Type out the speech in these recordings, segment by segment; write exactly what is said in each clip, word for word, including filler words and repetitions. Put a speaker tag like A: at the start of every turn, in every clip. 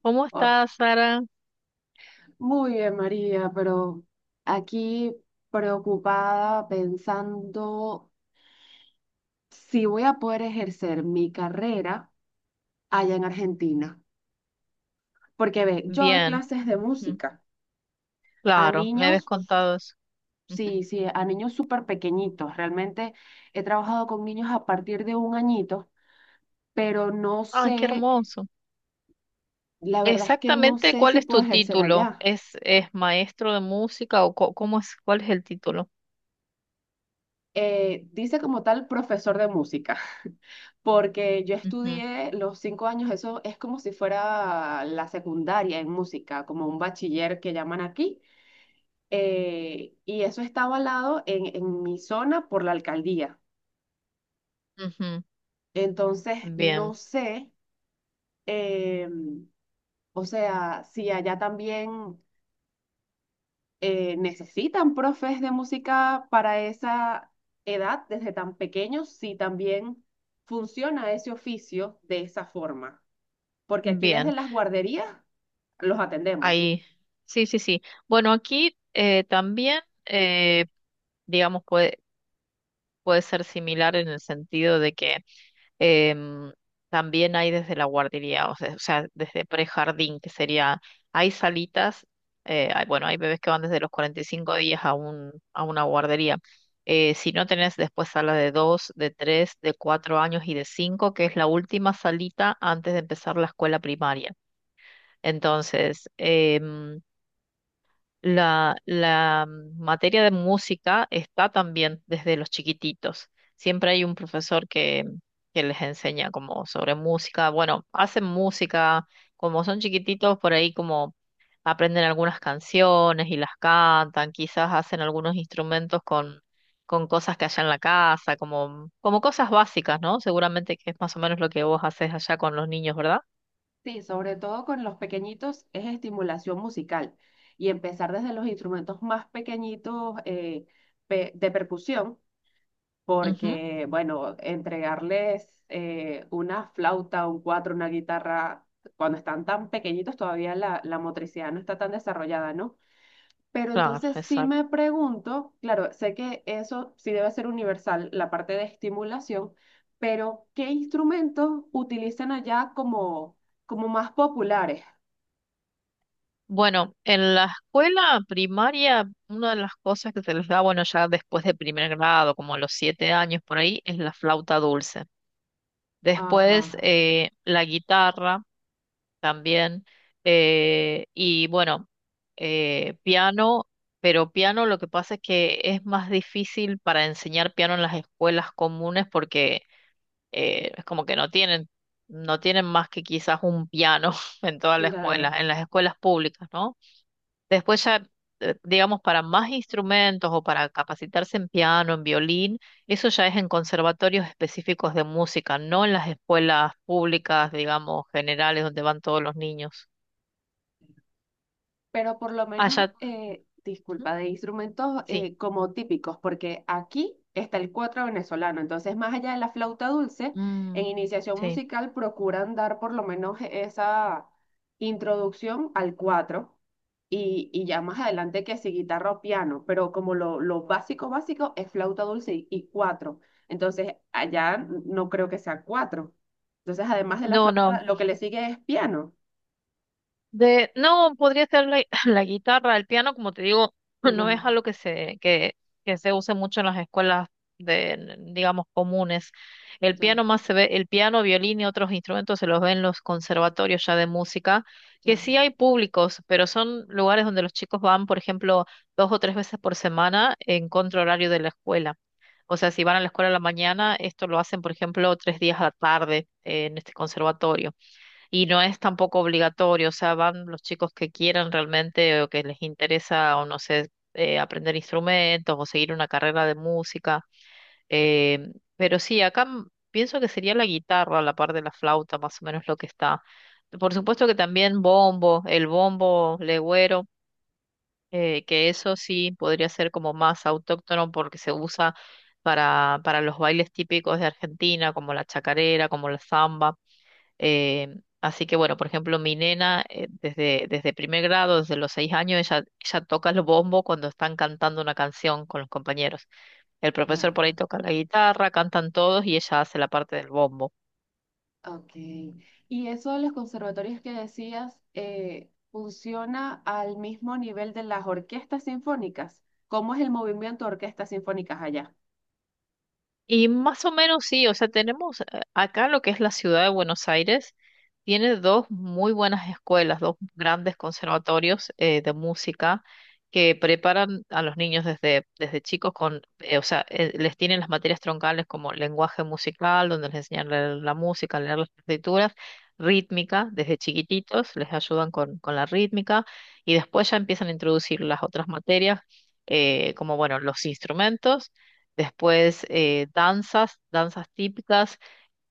A: ¿Cómo
B: Oh,
A: estás, Sara?
B: muy bien, María, pero aquí preocupada pensando si voy a poder ejercer mi carrera allá en Argentina. Porque ve, yo doy
A: Bien.
B: clases de
A: Ujú.
B: música a
A: Claro, me habías
B: niños,
A: contado eso. Ujú.
B: sí, sí, a niños súper pequeñitos. Realmente he trabajado con niños a partir de un añito, pero no
A: Ay, qué
B: sé,
A: hermoso.
B: la verdad es que no
A: Exactamente,
B: sé
A: ¿cuál
B: si
A: es
B: puedo
A: tu
B: ejercer
A: título?
B: allá.
A: ¿Es, es maestro de música o co- cómo es, ¿cuál es el título?
B: Eh, dice como tal profesor de música. Porque yo
A: Ujú,
B: estudié los cinco años, eso es como si fuera la secundaria en música, como un bachiller que llaman aquí, eh, y eso está avalado en, en mi zona por la alcaldía.
A: ujú.
B: Entonces,
A: Bien,
B: no sé, eh, o sea, si allá también eh, necesitan profes de música para esa edad, desde tan pequeños, si también funciona ese oficio de esa forma. Porque aquí desde
A: bien.
B: las guarderías los atendemos.
A: Ahí. Sí, sí, sí. Bueno, aquí eh, también, eh, digamos, puede, puede ser similar en el sentido de que Em, también hay desde la guardería, o sea, o sea, desde prejardín, que sería, hay salitas, eh, hay- bueno, hay bebés que van desde los cuarenta y cinco días a un, a una guardería. Eh, si no tenés después sala de dos de tres de cuatro años y de cinco, que es la última salita antes de empezar la escuela primaria. Entonces, em, la, la mm, materia de música está también desde los chiquititos. Siempre hay un profesor que, que les enseña como sobre música. Bueno, hacen música, como son chiquititos, por ahí como aprenden algunas canciones y las cantan, quizás hacen algunos instrumentos con, con cosas que haya en la casa, como, como cosas básicas, ¿no? Seguramente que es más o menos lo que vos haces allá con los niños, ¿verdad?
B: Sí, sobre todo con los pequeñitos es estimulación musical y empezar desde los instrumentos más pequeñitos, eh, pe- de percusión,
A: Ujú.
B: porque, bueno, entregarles eh, una flauta, un cuatro, una guitarra, cuando están tan pequeñitos todavía la, la motricidad no está tan desarrollada, ¿no? Pero
A: Claro,
B: entonces sí
A: exacto.
B: me pregunto, claro, sé que eso sí debe ser universal, la parte de estimulación, pero ¿qué instrumentos utilizan allá como, como más populares?
A: Bueno, en la escuela primaria, una de las cosas que se les da, bueno, ya después de primer grado, como a los siete años por ahí, es la flauta dulce.
B: Ajá,
A: Después, eh, la guitarra también, eh, y bueno, eh, piano, pero piano lo que pasa es que es más difícil para enseñar piano en las escuelas comunes porque eh, es como que no tienen, no tienen más que quizás un piano en toda la
B: claro.
A: escuela, en las escuelas públicas, ¿no? Después ya, eh, digamos, para más instrumentos o para capacitarse en piano, en violín, eso ya es en conservatorios específicos de música, no en las escuelas públicas, digamos, generales, donde van todos los niños.
B: Pero por lo
A: Ah,
B: menos,
A: ya.
B: eh,
A: ¿Mm?
B: disculpa, de instrumentos
A: Sí.
B: eh, como típicos, porque aquí está el cuatro venezolano, entonces más allá de la flauta dulce, en
A: Mm,
B: iniciación
A: sí.
B: musical procuran dar por lo menos esa introducción al cuatro y, y ya más adelante que si guitarra o piano, pero como lo, lo básico, básico es flauta dulce y, y cuatro, entonces allá no creo que sea cuatro. Entonces, además de la
A: No,
B: flauta,
A: no.
B: lo que le sigue es piano.
A: De, no, podría ser la, la guitarra, el piano, como te digo, no es
B: Ya,
A: algo que se, que, que se use mucho en las escuelas de, digamos, comunes. El
B: ya,
A: piano más se ve, el piano, violín y otros instrumentos se los ven en los conservatorios ya de música, que
B: ya,
A: sí hay públicos, pero son lugares donde los chicos van, por ejemplo, dos o tres veces por semana en contra horario de la escuela. O sea, si van a la escuela a la mañana, esto lo hacen, por ejemplo, tres días a la tarde, eh, en este conservatorio. Y no es tampoco obligatorio, o sea, van los chicos que quieran realmente o que les interesa, o no sé, eh, aprender instrumentos o seguir una carrera de música. Eh, pero sí, acá m- pienso que sería la guitarra a la par de la flauta, más o menos lo que está. Por supuesto que también bombo, el bombo legüero, eh, que eso sí podría ser como más autóctono porque se usa para, para los bailes típicos de Argentina, como la chacarera, como la zamba. Eh, así que bueno, por ejemplo, mi nena eh, desde, desde primer grado, desde los seis años, ella, ella toca el bombo cuando están cantando una canción con los compañeros. El
B: ya.
A: profesor por ahí toca la guitarra, cantan todos y ella hace la parte del bombo.
B: Ok. Y eso de los conservatorios que decías, eh, ¿funciona al mismo nivel de las orquestas sinfónicas? ¿Cómo es el movimiento de orquestas sinfónicas allá?
A: Y más o menos sí, o sea, tenemos eh, acá lo que es la ciudad de Buenos Aires, tiene dos muy buenas escuelas, dos grandes conservatorios eh, de música, que preparan a los niños desde, desde chicos con, eh, o sea, eh, les tienen las materias troncales, como lenguaje musical, donde les enseñan a leer la música, leer las partituras, rítmica. Desde chiquititos, les ayudan con, con la rítmica y después ya empiezan a introducir las otras materias, eh, como bueno, los instrumentos. Después, eh, danzas, danzas típicas,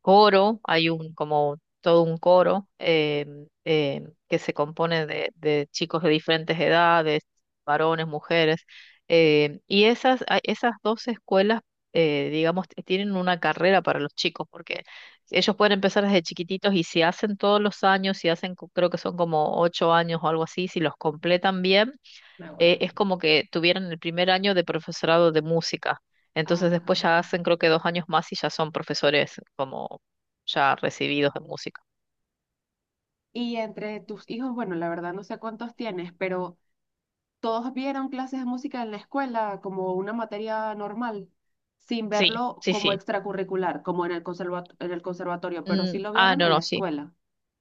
A: coro. Hay un como todo un coro em, em, que se compone de, de chicos de diferentes edades, varones, mujeres. Em, y esas, a- esas dos escuelas, eh, digamos, t- tienen una carrera para los chicos, porque ellos pueden empezar desde chiquititos y si hacen todos los años, si hacen, co- creo que son como ocho años o algo así, si los completan bien,
B: Ahora.
A: eh, es como que tuvieran el primer año de profesorado de música. Entonces
B: Ajá.
A: después ya hacen creo que dos años más y ya son profesores como ya recibidos de música.
B: Y entre tus hijos, bueno, la verdad no sé cuántos tienes, pero todos vieron clases de música en la escuela como una materia normal, sin
A: Sí,
B: verlo
A: sí,
B: como
A: sí.
B: extracurricular, como en el conserva- en el conservatorio, pero
A: Mm,
B: sí lo
A: ah,
B: vieron
A: no,
B: en la
A: no, sí.
B: escuela.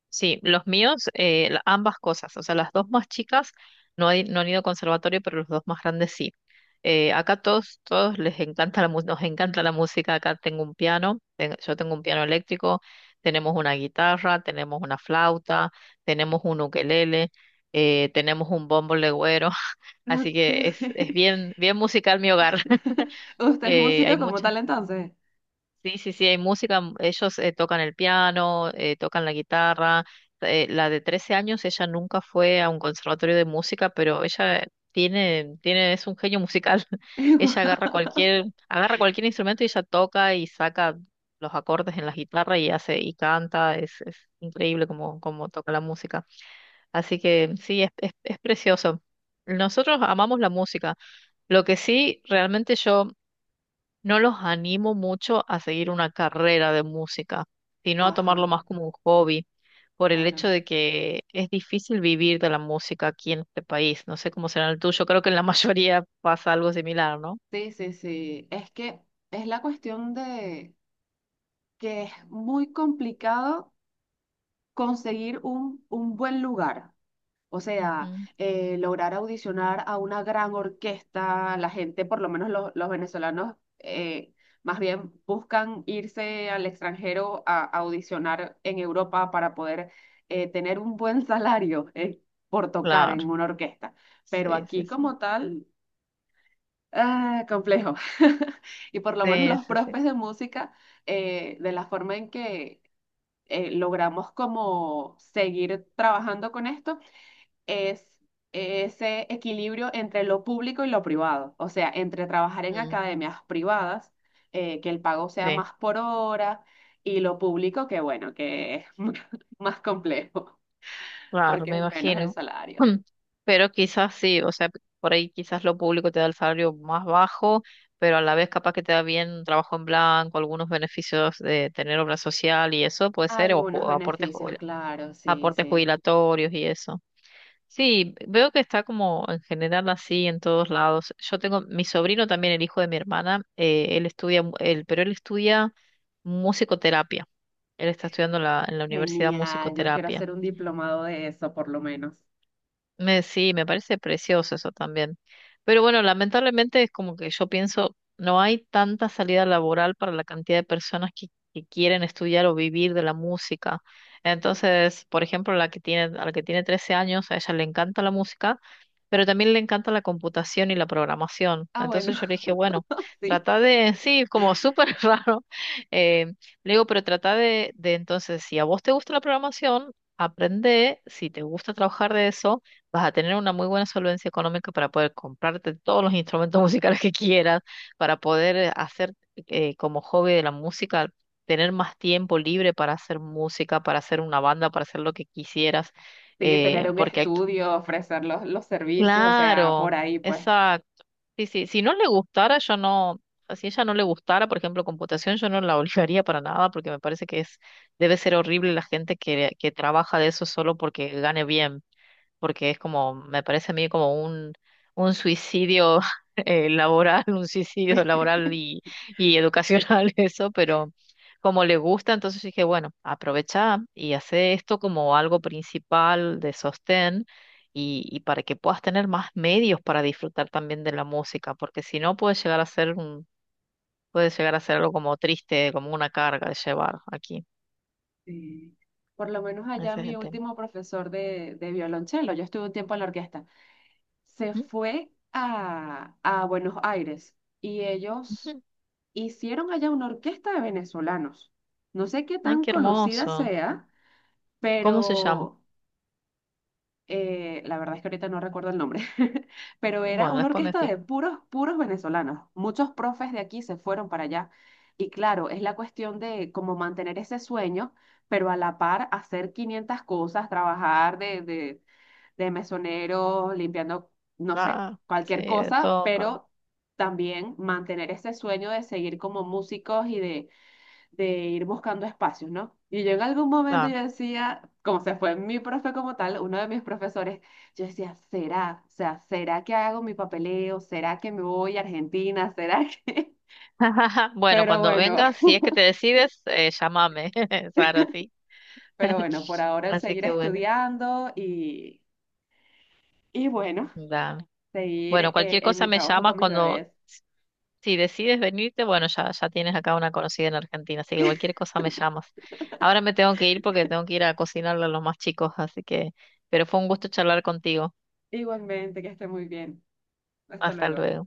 A: Sí, los míos, eh, la- ambas cosas, o sea, las dos más chicas no, hay- no han ido a conservatorio, pero los dos más grandes sí. Eh, acá todos, todos les encanta la, mu- nos encanta la música. Acá tengo un piano, ten- yo tengo un piano eléctrico, tenemos una guitarra, tenemos una flauta, tenemos un ukelele, eh, tenemos un bombo legüero, así
B: Ok.
A: que es, es bien, bien musical mi hogar.
B: ¿Usted es
A: Eh, hay
B: músico como
A: muchas
B: tal entonces?
A: Sí, sí, sí, hay música, m- ellos eh, tocan el piano, eh, tocan la guitarra. Eh, la de trece años, ella nunca fue a un conservatorio de música, pero ella tiene, tiene, es un genio musical. Ella agarra
B: Guau.
A: cualquier, agarra cualquier instrumento y ella toca y saca los acordes en la guitarra y hace, y canta, es, es increíble cómo, cómo toca la música. Así que sí, es, es, es precioso. Nosotros amamos la música. Lo que sí, realmente yo no los animo mucho a seguir una carrera de música, sino a
B: Ajá,
A: tomarlo más como un hobby, por el
B: claro.
A: hecho de que es difícil vivir de la música aquí en este país. No sé cómo será en el tuyo, creo que en la mayoría pasa algo similar, ¿no?
B: Sí, sí, sí. Es que es la cuestión de que es muy complicado conseguir un, un buen lugar. O sea,
A: Ujú.
B: eh, lograr audicionar a una gran orquesta, la gente, por lo menos los, los venezolanos, eh, más bien buscan irse al extranjero a, a audicionar en Europa para poder eh, tener un buen salario, eh, por tocar en
A: Claro,
B: una orquesta. Pero
A: sí, sí,
B: aquí
A: sí.
B: como tal... Ah, complejo. Y por lo menos
A: Sí,
B: los
A: sí, sí.
B: profes de música, eh, de la forma en que eh, logramos como seguir trabajando con esto, es ese equilibrio entre lo público y lo privado. O sea, entre trabajar en
A: Mm,
B: academias privadas, eh, que el pago sea
A: sí.
B: más por hora, y lo público, que bueno, que es más complejo,
A: Claro,
B: porque
A: me
B: es menos el
A: imagino.
B: salario.
A: Pero quizás sí, o sea, por ahí quizás lo público te da el salario más bajo, pero a la vez capaz que te da bien un trabajo en blanco, algunos beneficios de tener obra social y eso puede ser, o
B: Algunos
A: ju- aportes,
B: beneficios,
A: jubil-
B: claro, sí,
A: aportes
B: sí.
A: jubilatorios y eso. Sí, veo que está como en general así en todos lados. Yo tengo mi sobrino también, el hijo de mi hermana, eh, él estudia, mu- él, pero él estudia musicoterapia. Él está estudiando en la en la universidad
B: Genial, yo quiero
A: musicoterapia.
B: hacer un diplomado de eso, por lo menos.
A: Me, sí, me parece precioso eso también. Pero bueno, lamentablemente, es como que yo pienso, no hay tanta salida laboral para la cantidad de personas que, que quieren estudiar o vivir de la música. Entonces, por ejemplo, la que tiene, a la que tiene trece años, a ella le encanta la música, pero también le encanta la computación y la programación.
B: Ah, bueno,
A: Entonces yo le dije, bueno,
B: sí,
A: trata de, sí, como súper raro. eh, Le digo, pero trata de, de entonces, si a vos te gusta la programación, aprende, si te gusta trabajar de eso vas a tener una muy buena solvencia económica para poder comprarte todos los instrumentos musicales que quieras, para poder eh, hacer eh, como hobby de la música, tener más tiempo libre para hacer música, para hacer una banda, para hacer lo que quisieras,
B: sí,
A: eh,
B: tener un
A: porque aquí,
B: estudio, ofrecer los, los servicios, o sea,
A: claro,
B: por ahí, pues.
A: exacto. Sí, sí, si no le gustara, yo no, si ella no le gustara, por ejemplo, computación, yo no la obligaría para nada, porque me parece que es, debe ser horrible la gente que, que trabaja de eso solo porque gane bien, porque es como, me parece a mí como un, un, suicidio eh, laboral, un suicidio laboral y, y educacional eso, pero como le gusta, entonces dije, bueno, aprovecha y hace esto como algo principal de sostén y, y para que puedas tener más medios para disfrutar también de la música, porque si no puede llegar a ser un, puede llegar a ser algo como triste, como una carga de llevar aquí.
B: Sí. Por lo menos allá
A: Ese es
B: mi
A: el tema.
B: último profesor de, de violonchelo, yo estuve un tiempo en la orquesta, se
A: Mm,
B: fue a, a Buenos Aires y ellos
A: ujú.
B: hicieron allá una orquesta de venezolanos. No sé qué
A: Ay,
B: tan
A: qué
B: conocida
A: hermoso.
B: sea,
A: ¿Cómo se llama?
B: pero eh, la verdad es que ahorita no recuerdo el nombre, pero era
A: Bueno,
B: una
A: después me
B: orquesta
A: fijo.
B: de puros, puros venezolanos. Muchos profes de aquí se fueron para allá. Y claro, es la cuestión de cómo mantener ese sueño, pero a la par hacer quinientas cosas, trabajar de, de, de mesonero, limpiando, no sé,
A: Ah, sí,
B: cualquier
A: de
B: cosa,
A: todo, pero
B: pero también mantener ese sueño de seguir como músicos y de de ir buscando espacios, ¿no? Y yo en algún momento
A: claro.
B: yo decía, como se fue mi profe como tal, uno de mis profesores, yo decía, ¿será? O sea, ¿será que hago mi papeleo? ¿Será que me voy a Argentina? ¿Será que...?
A: Bueno,
B: Pero
A: cuando
B: bueno,
A: vengas, si es que te decides, eh, llámame, Sara, sí.
B: pero bueno, por ahora el
A: Así
B: seguir
A: que bueno,
B: estudiando y, y bueno,
A: dame.
B: seguir
A: Bueno,
B: eh,
A: cualquier
B: en
A: cosa
B: mi
A: me
B: trabajo
A: llamas
B: con mis
A: cuando,
B: bebés.
A: si decides venirte, bueno, ya, ya tienes acá una conocida en Argentina, así que cualquier cosa me llamas. Ahora me tengo que ir porque tengo que ir a cocinarle a los más chicos, así que, pero fue un gusto charlar contigo.
B: Igualmente, que esté muy bien. Hasta
A: Hasta
B: luego.
A: luego.